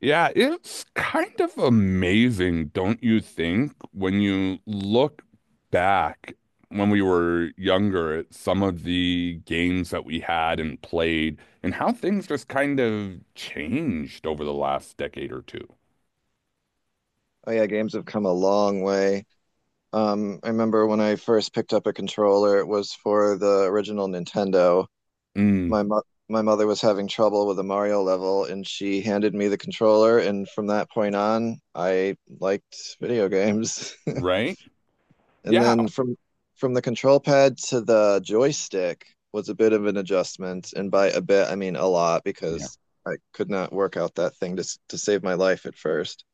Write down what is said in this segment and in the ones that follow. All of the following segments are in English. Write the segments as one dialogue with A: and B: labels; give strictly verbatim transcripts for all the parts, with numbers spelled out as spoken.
A: Yeah, it's kind of amazing, don't you think, when you look back when we were younger at some of the games that we had and played and how things just kind of changed over the last decade or two.
B: Oh yeah, games have come a long way. Um, I remember when I first picked up a controller, it was for the original Nintendo.
A: Mm,
B: My mo my mother was having trouble with a Mario level, and she handed me the controller, and from that point on, I liked video games.
A: right?
B: And
A: Yeah.
B: then from from the control pad to the joystick was a bit of an adjustment, and by a bit, I mean a lot
A: Yeah.
B: because I could not work out that thing to s- to save my life at first.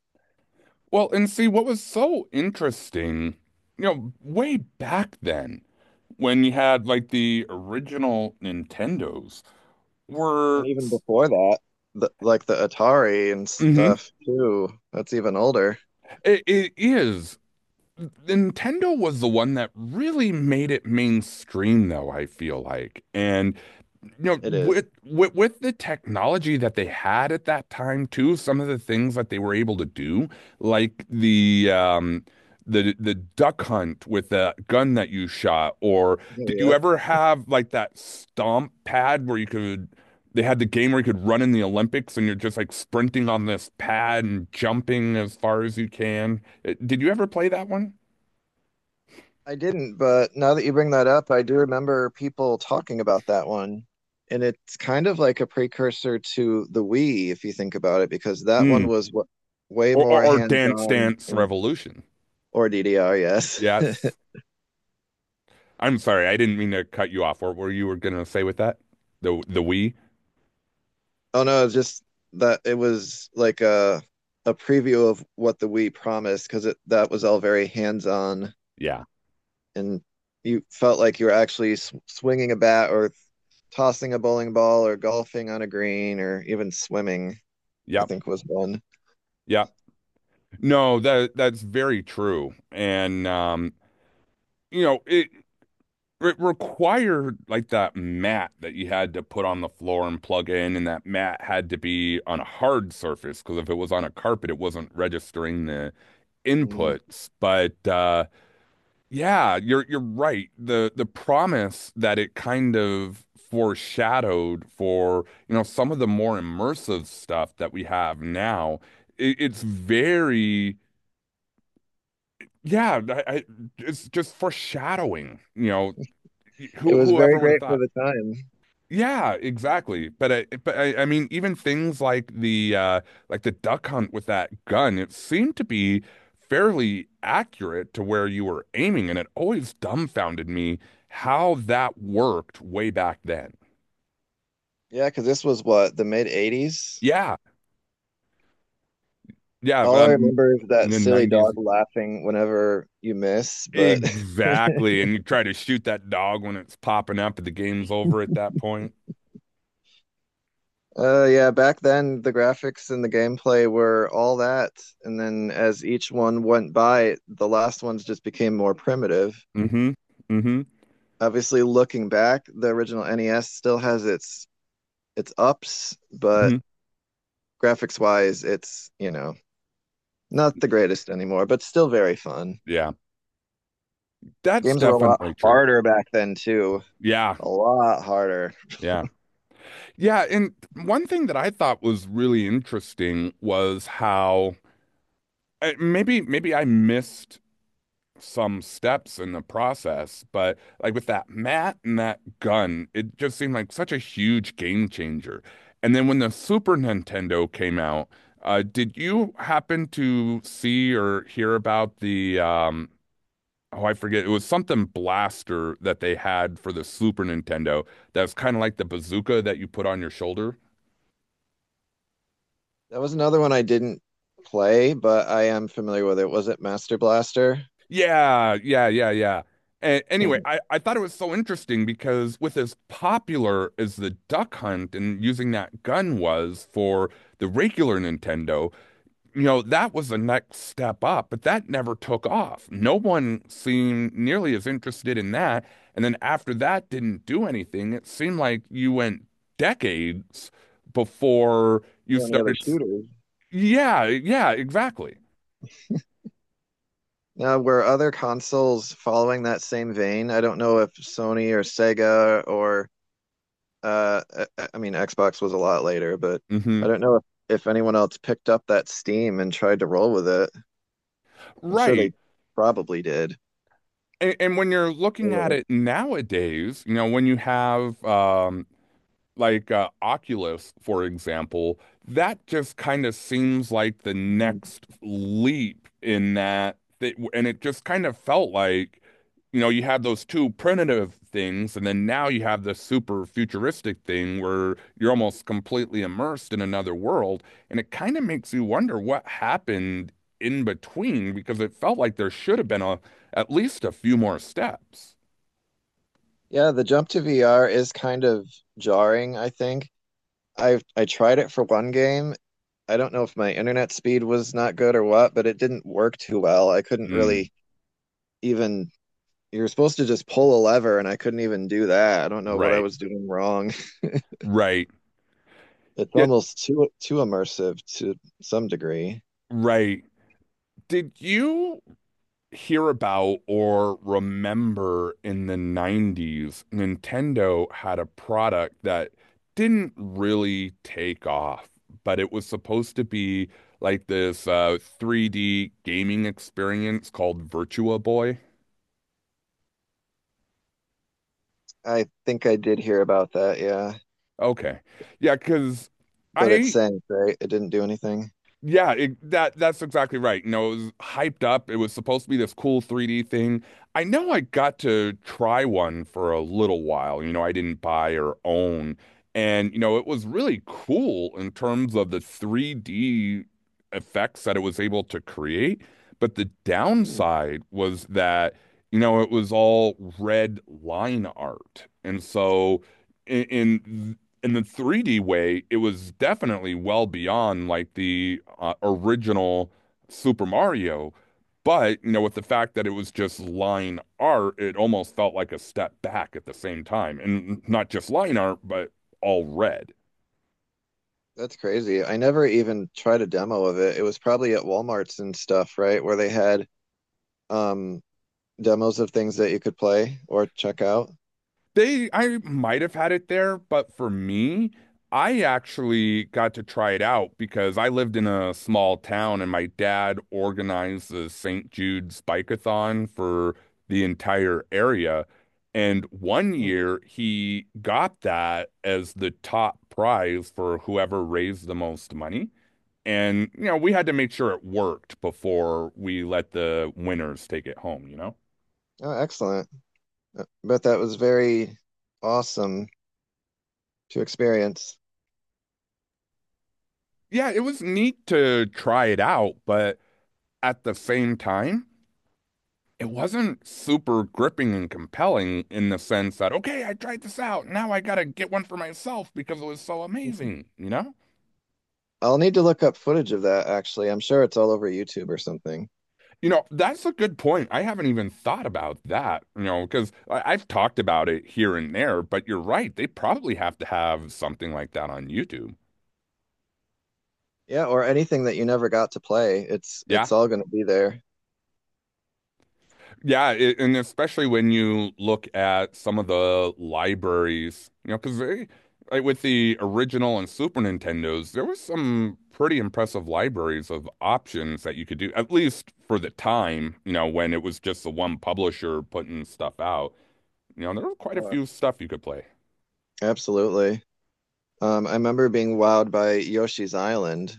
A: Well, and see, what was so interesting, you know, way back then when you had like the original Nintendos
B: And
A: were.
B: even before that, the, like the Atari and
A: Mhm.
B: stuff too. That's even older.
A: It, it is. Nintendo was the one that really made it mainstream, though, I feel like. And you know,
B: It is.
A: with, with with the technology that they had at that time too, some of the things that they were able to do, like the um the the duck hunt with the gun that you shot. Or
B: Oh,
A: did you
B: yep.
A: ever have like that stomp pad where you could— they had the game where you could run in the Olympics and you're just like sprinting on this pad and jumping as far as you can. Uh, Did you ever play that one?
B: I didn't, but now that you bring that up, I do remember people talking about that one. And it's kind of like a precursor to the Wii, if you think about it, because that one
A: Mm.
B: was w way
A: Or,
B: more
A: or or Dance
B: hands-on.
A: Dance
B: And
A: Revolution.
B: or D D R, yes.
A: Yes. I'm sorry, I didn't mean to cut you off. What were you were gonna say with that? The the we?
B: Oh no, it's just that it was like a a preview of what the Wii promised, because it that was all very hands-on,
A: Yeah.
B: and you felt like you were actually sw- swinging a bat or tossing a bowling ball or golfing on a green or even swimming, I
A: Yep.
B: think was one.
A: Yep. No, that that's very true. And um, you know, it it required like that mat that you had to put on the floor and plug in, and that mat had to be on a hard surface because if it was on a carpet, it wasn't registering the
B: Mm.
A: inputs. But uh Yeah, you're you're right. The the promise that it kind of foreshadowed for, you know, some of the more immersive stuff that we have now, it, it's very, yeah, I, I, it's just foreshadowing, you know,
B: It
A: who
B: was very
A: whoever would have
B: great for
A: thought?
B: the time.
A: Yeah, exactly. But I, but I, I mean, even things like the uh, like the duck hunt with that gun, it seemed to be fairly accurate to where you were aiming, and it always dumbfounded me how that worked way back then.
B: Yeah, because this was what, the mid eighties?
A: Yeah, yeah,
B: All I
A: um,
B: remember is
A: in
B: that
A: the
B: silly
A: nineties,
B: dog laughing whenever you miss, but
A: exactly. And you try to shoot that dog when it's popping up, and the game's over at that point.
B: uh yeah, back then the graphics and the gameplay were all that. And then as each one went by, the last ones just became more primitive.
A: Mm-hmm. Mm-hmm.
B: Obviously looking back, the original N E S still has its its ups, but
A: Mm-hmm.
B: graphics wise, it's, you know, not the greatest anymore, but still very fun.
A: Yeah, that's
B: Games were a lot
A: definitely true.
B: harder back then too.
A: Yeah,
B: A lot harder.
A: yeah. Yeah, and one thing that I thought was really interesting was how uh, maybe maybe I missed some steps in the process, but like with that mat and that gun, it just seemed like such a huge game changer. And then when the Super Nintendo came out, uh, did you happen to see or hear about the um, oh, I forget, it was something blaster that they had for the Super Nintendo that was kind of like the bazooka that you put on your shoulder?
B: That was another one I didn't play, but I am familiar with it. Was it Master Blaster?
A: Yeah, yeah, yeah, yeah. And
B: Or
A: anyway, I, I thought it was so interesting because with as popular as the Duck Hunt and using that gun was for the regular Nintendo, you know, that was the next step up, but that never took off. No one seemed nearly as interested in that. And then after that didn't do anything, it seemed like you went decades before you
B: any other
A: started. s-
B: shooters.
A: Yeah, yeah, exactly.
B: Now, were other consoles following that same vein? I don't know if Sony or Sega or Uh, I, I mean, Xbox was a lot later, but I
A: Hmm.
B: don't know if, if anyone else picked up that Steam and tried to roll with it. I'm sure
A: Right.
B: they probably did.
A: And, and when you're looking at
B: Or,
A: it nowadays, you know, when you have um, like uh, Oculus, for example, that just kind of seems like the next leap in that, th and it just kind of felt like, you know, you had those two primitive things, and then now you have this super futuristic thing where you're almost completely immersed in another world, and it kind of makes you wonder what happened in between because it felt like there should have been a— at least a few more steps.
B: yeah, the jump to V R is kind of jarring, I think. I've I tried it for one game. I don't know if my internet speed was not good or what, but it didn't work too well. I couldn't
A: Mm,
B: really even, you're supposed to just pull a lever and I couldn't even do that. I don't know what I
A: right,
B: was doing wrong.
A: right.
B: It's
A: Yet,
B: almost too too immersive to some degree.
A: right. Did you hear about or remember in the nineties, Nintendo had a product that didn't really take off, but it was supposed to be like this uh, three D gaming experience called Virtua Boy?
B: I think I did hear about that, yeah.
A: Okay. Yeah, because
B: But it
A: I
B: sank, right? It didn't do anything.
A: yeah, it, that that's exactly right. You know, it was hyped up. It was supposed to be this cool three D thing. I know I got to try one for a little while. You know, I didn't buy or own. And, you know, it was really cool in terms of the three D effects that it was able to create. But the
B: Mm.
A: downside was that, you know, it was all red line art. And so in, in in the three D way, it was definitely well beyond like the uh, original Super Mario. But, you know, with the fact that it was just line art, it almost felt like a step back at the same time. And not just line art, but all red.
B: That's crazy. I never even tried a demo of it. It was probably at Walmarts and stuff, right? Where they had um demos of things that you could play or check out.
A: They— I might have had it there, but for me, I actually got to try it out because I lived in a small town and my dad organized the Saint Jude's Bike-A-Thon for the entire area. And one
B: Mm.
A: year he got that as the top prize for whoever raised the most money. And, you know, we had to make sure it worked before we let the winners take it home, you know?
B: Oh, excellent. Uh, But that was very awesome to experience.
A: Yeah, it was neat to try it out, but at the same time, it wasn't super gripping and compelling in the sense that, okay, I tried this out. Now I gotta get one for myself because it was so amazing, you know?
B: I'll need to look up footage of that actually. I'm sure it's all over YouTube or something.
A: You know, that's a good point. I haven't even thought about that, you know, because I've talked about it here and there, but you're right. They probably have to have something like that on YouTube.
B: Yeah, or anything that you never got to play. It's
A: Yeah.
B: it's all going to be there.
A: Yeah, it, and especially when you look at some of the libraries, you know, because they, like with the original and Super Nintendos, there was some pretty impressive libraries of options that you could do, at least for the time, you know, when it was just the one publisher putting stuff out. You know, there was quite a
B: Uh,
A: few stuff you could play.
B: Absolutely. Um, I remember being wowed by Yoshi's Island.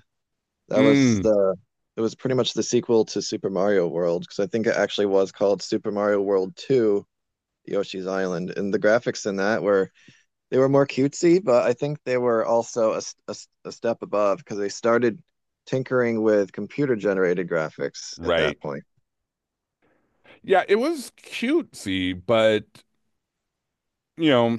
B: That was
A: Mm,
B: the it was pretty much the sequel to Super Mario World because I think it actually was called Super Mario World two Yoshi's Island. And the graphics in that were they were more cutesy, but I think they were also a a a step above because they started tinkering with computer generated graphics at
A: right.
B: that point.
A: Yeah, it was cutesy, but you know,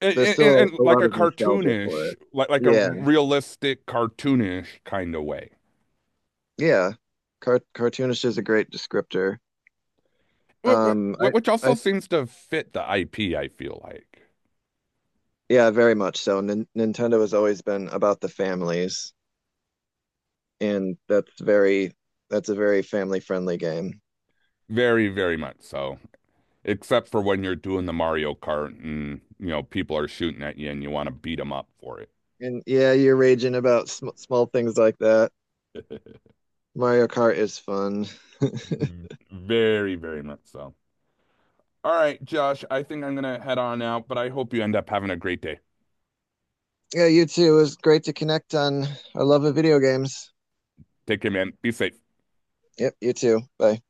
A: and,
B: There's
A: and,
B: still
A: and
B: a
A: like
B: lot
A: a
B: of nostalgia for
A: cartoonish,
B: it.
A: like like a
B: Yeah,
A: realistic cartoonish kind of way.
B: yeah. Car cartoonish is a great descriptor.
A: Wh-
B: Um,
A: wh-
B: I,
A: Which also
B: I
A: seems to fit the I P, I feel like.
B: Yeah, very much so. Nin Nintendo has always been about the families, and that's very that's a very family-friendly game.
A: Very, very much so. Except for when you're doing the Mario Kart and, you know, people are shooting at you and you want to beat them up for it.
B: And yeah, you're raging about sm small things like that. Mario Kart is fun.
A: V- Very, very much so. All right, Josh, I think I'm gonna head on out, but I hope you end up having a great day.
B: Yeah, you too. It was great to connect on our love of video games.
A: Take care, man. Be safe.
B: Yep, you too. Bye.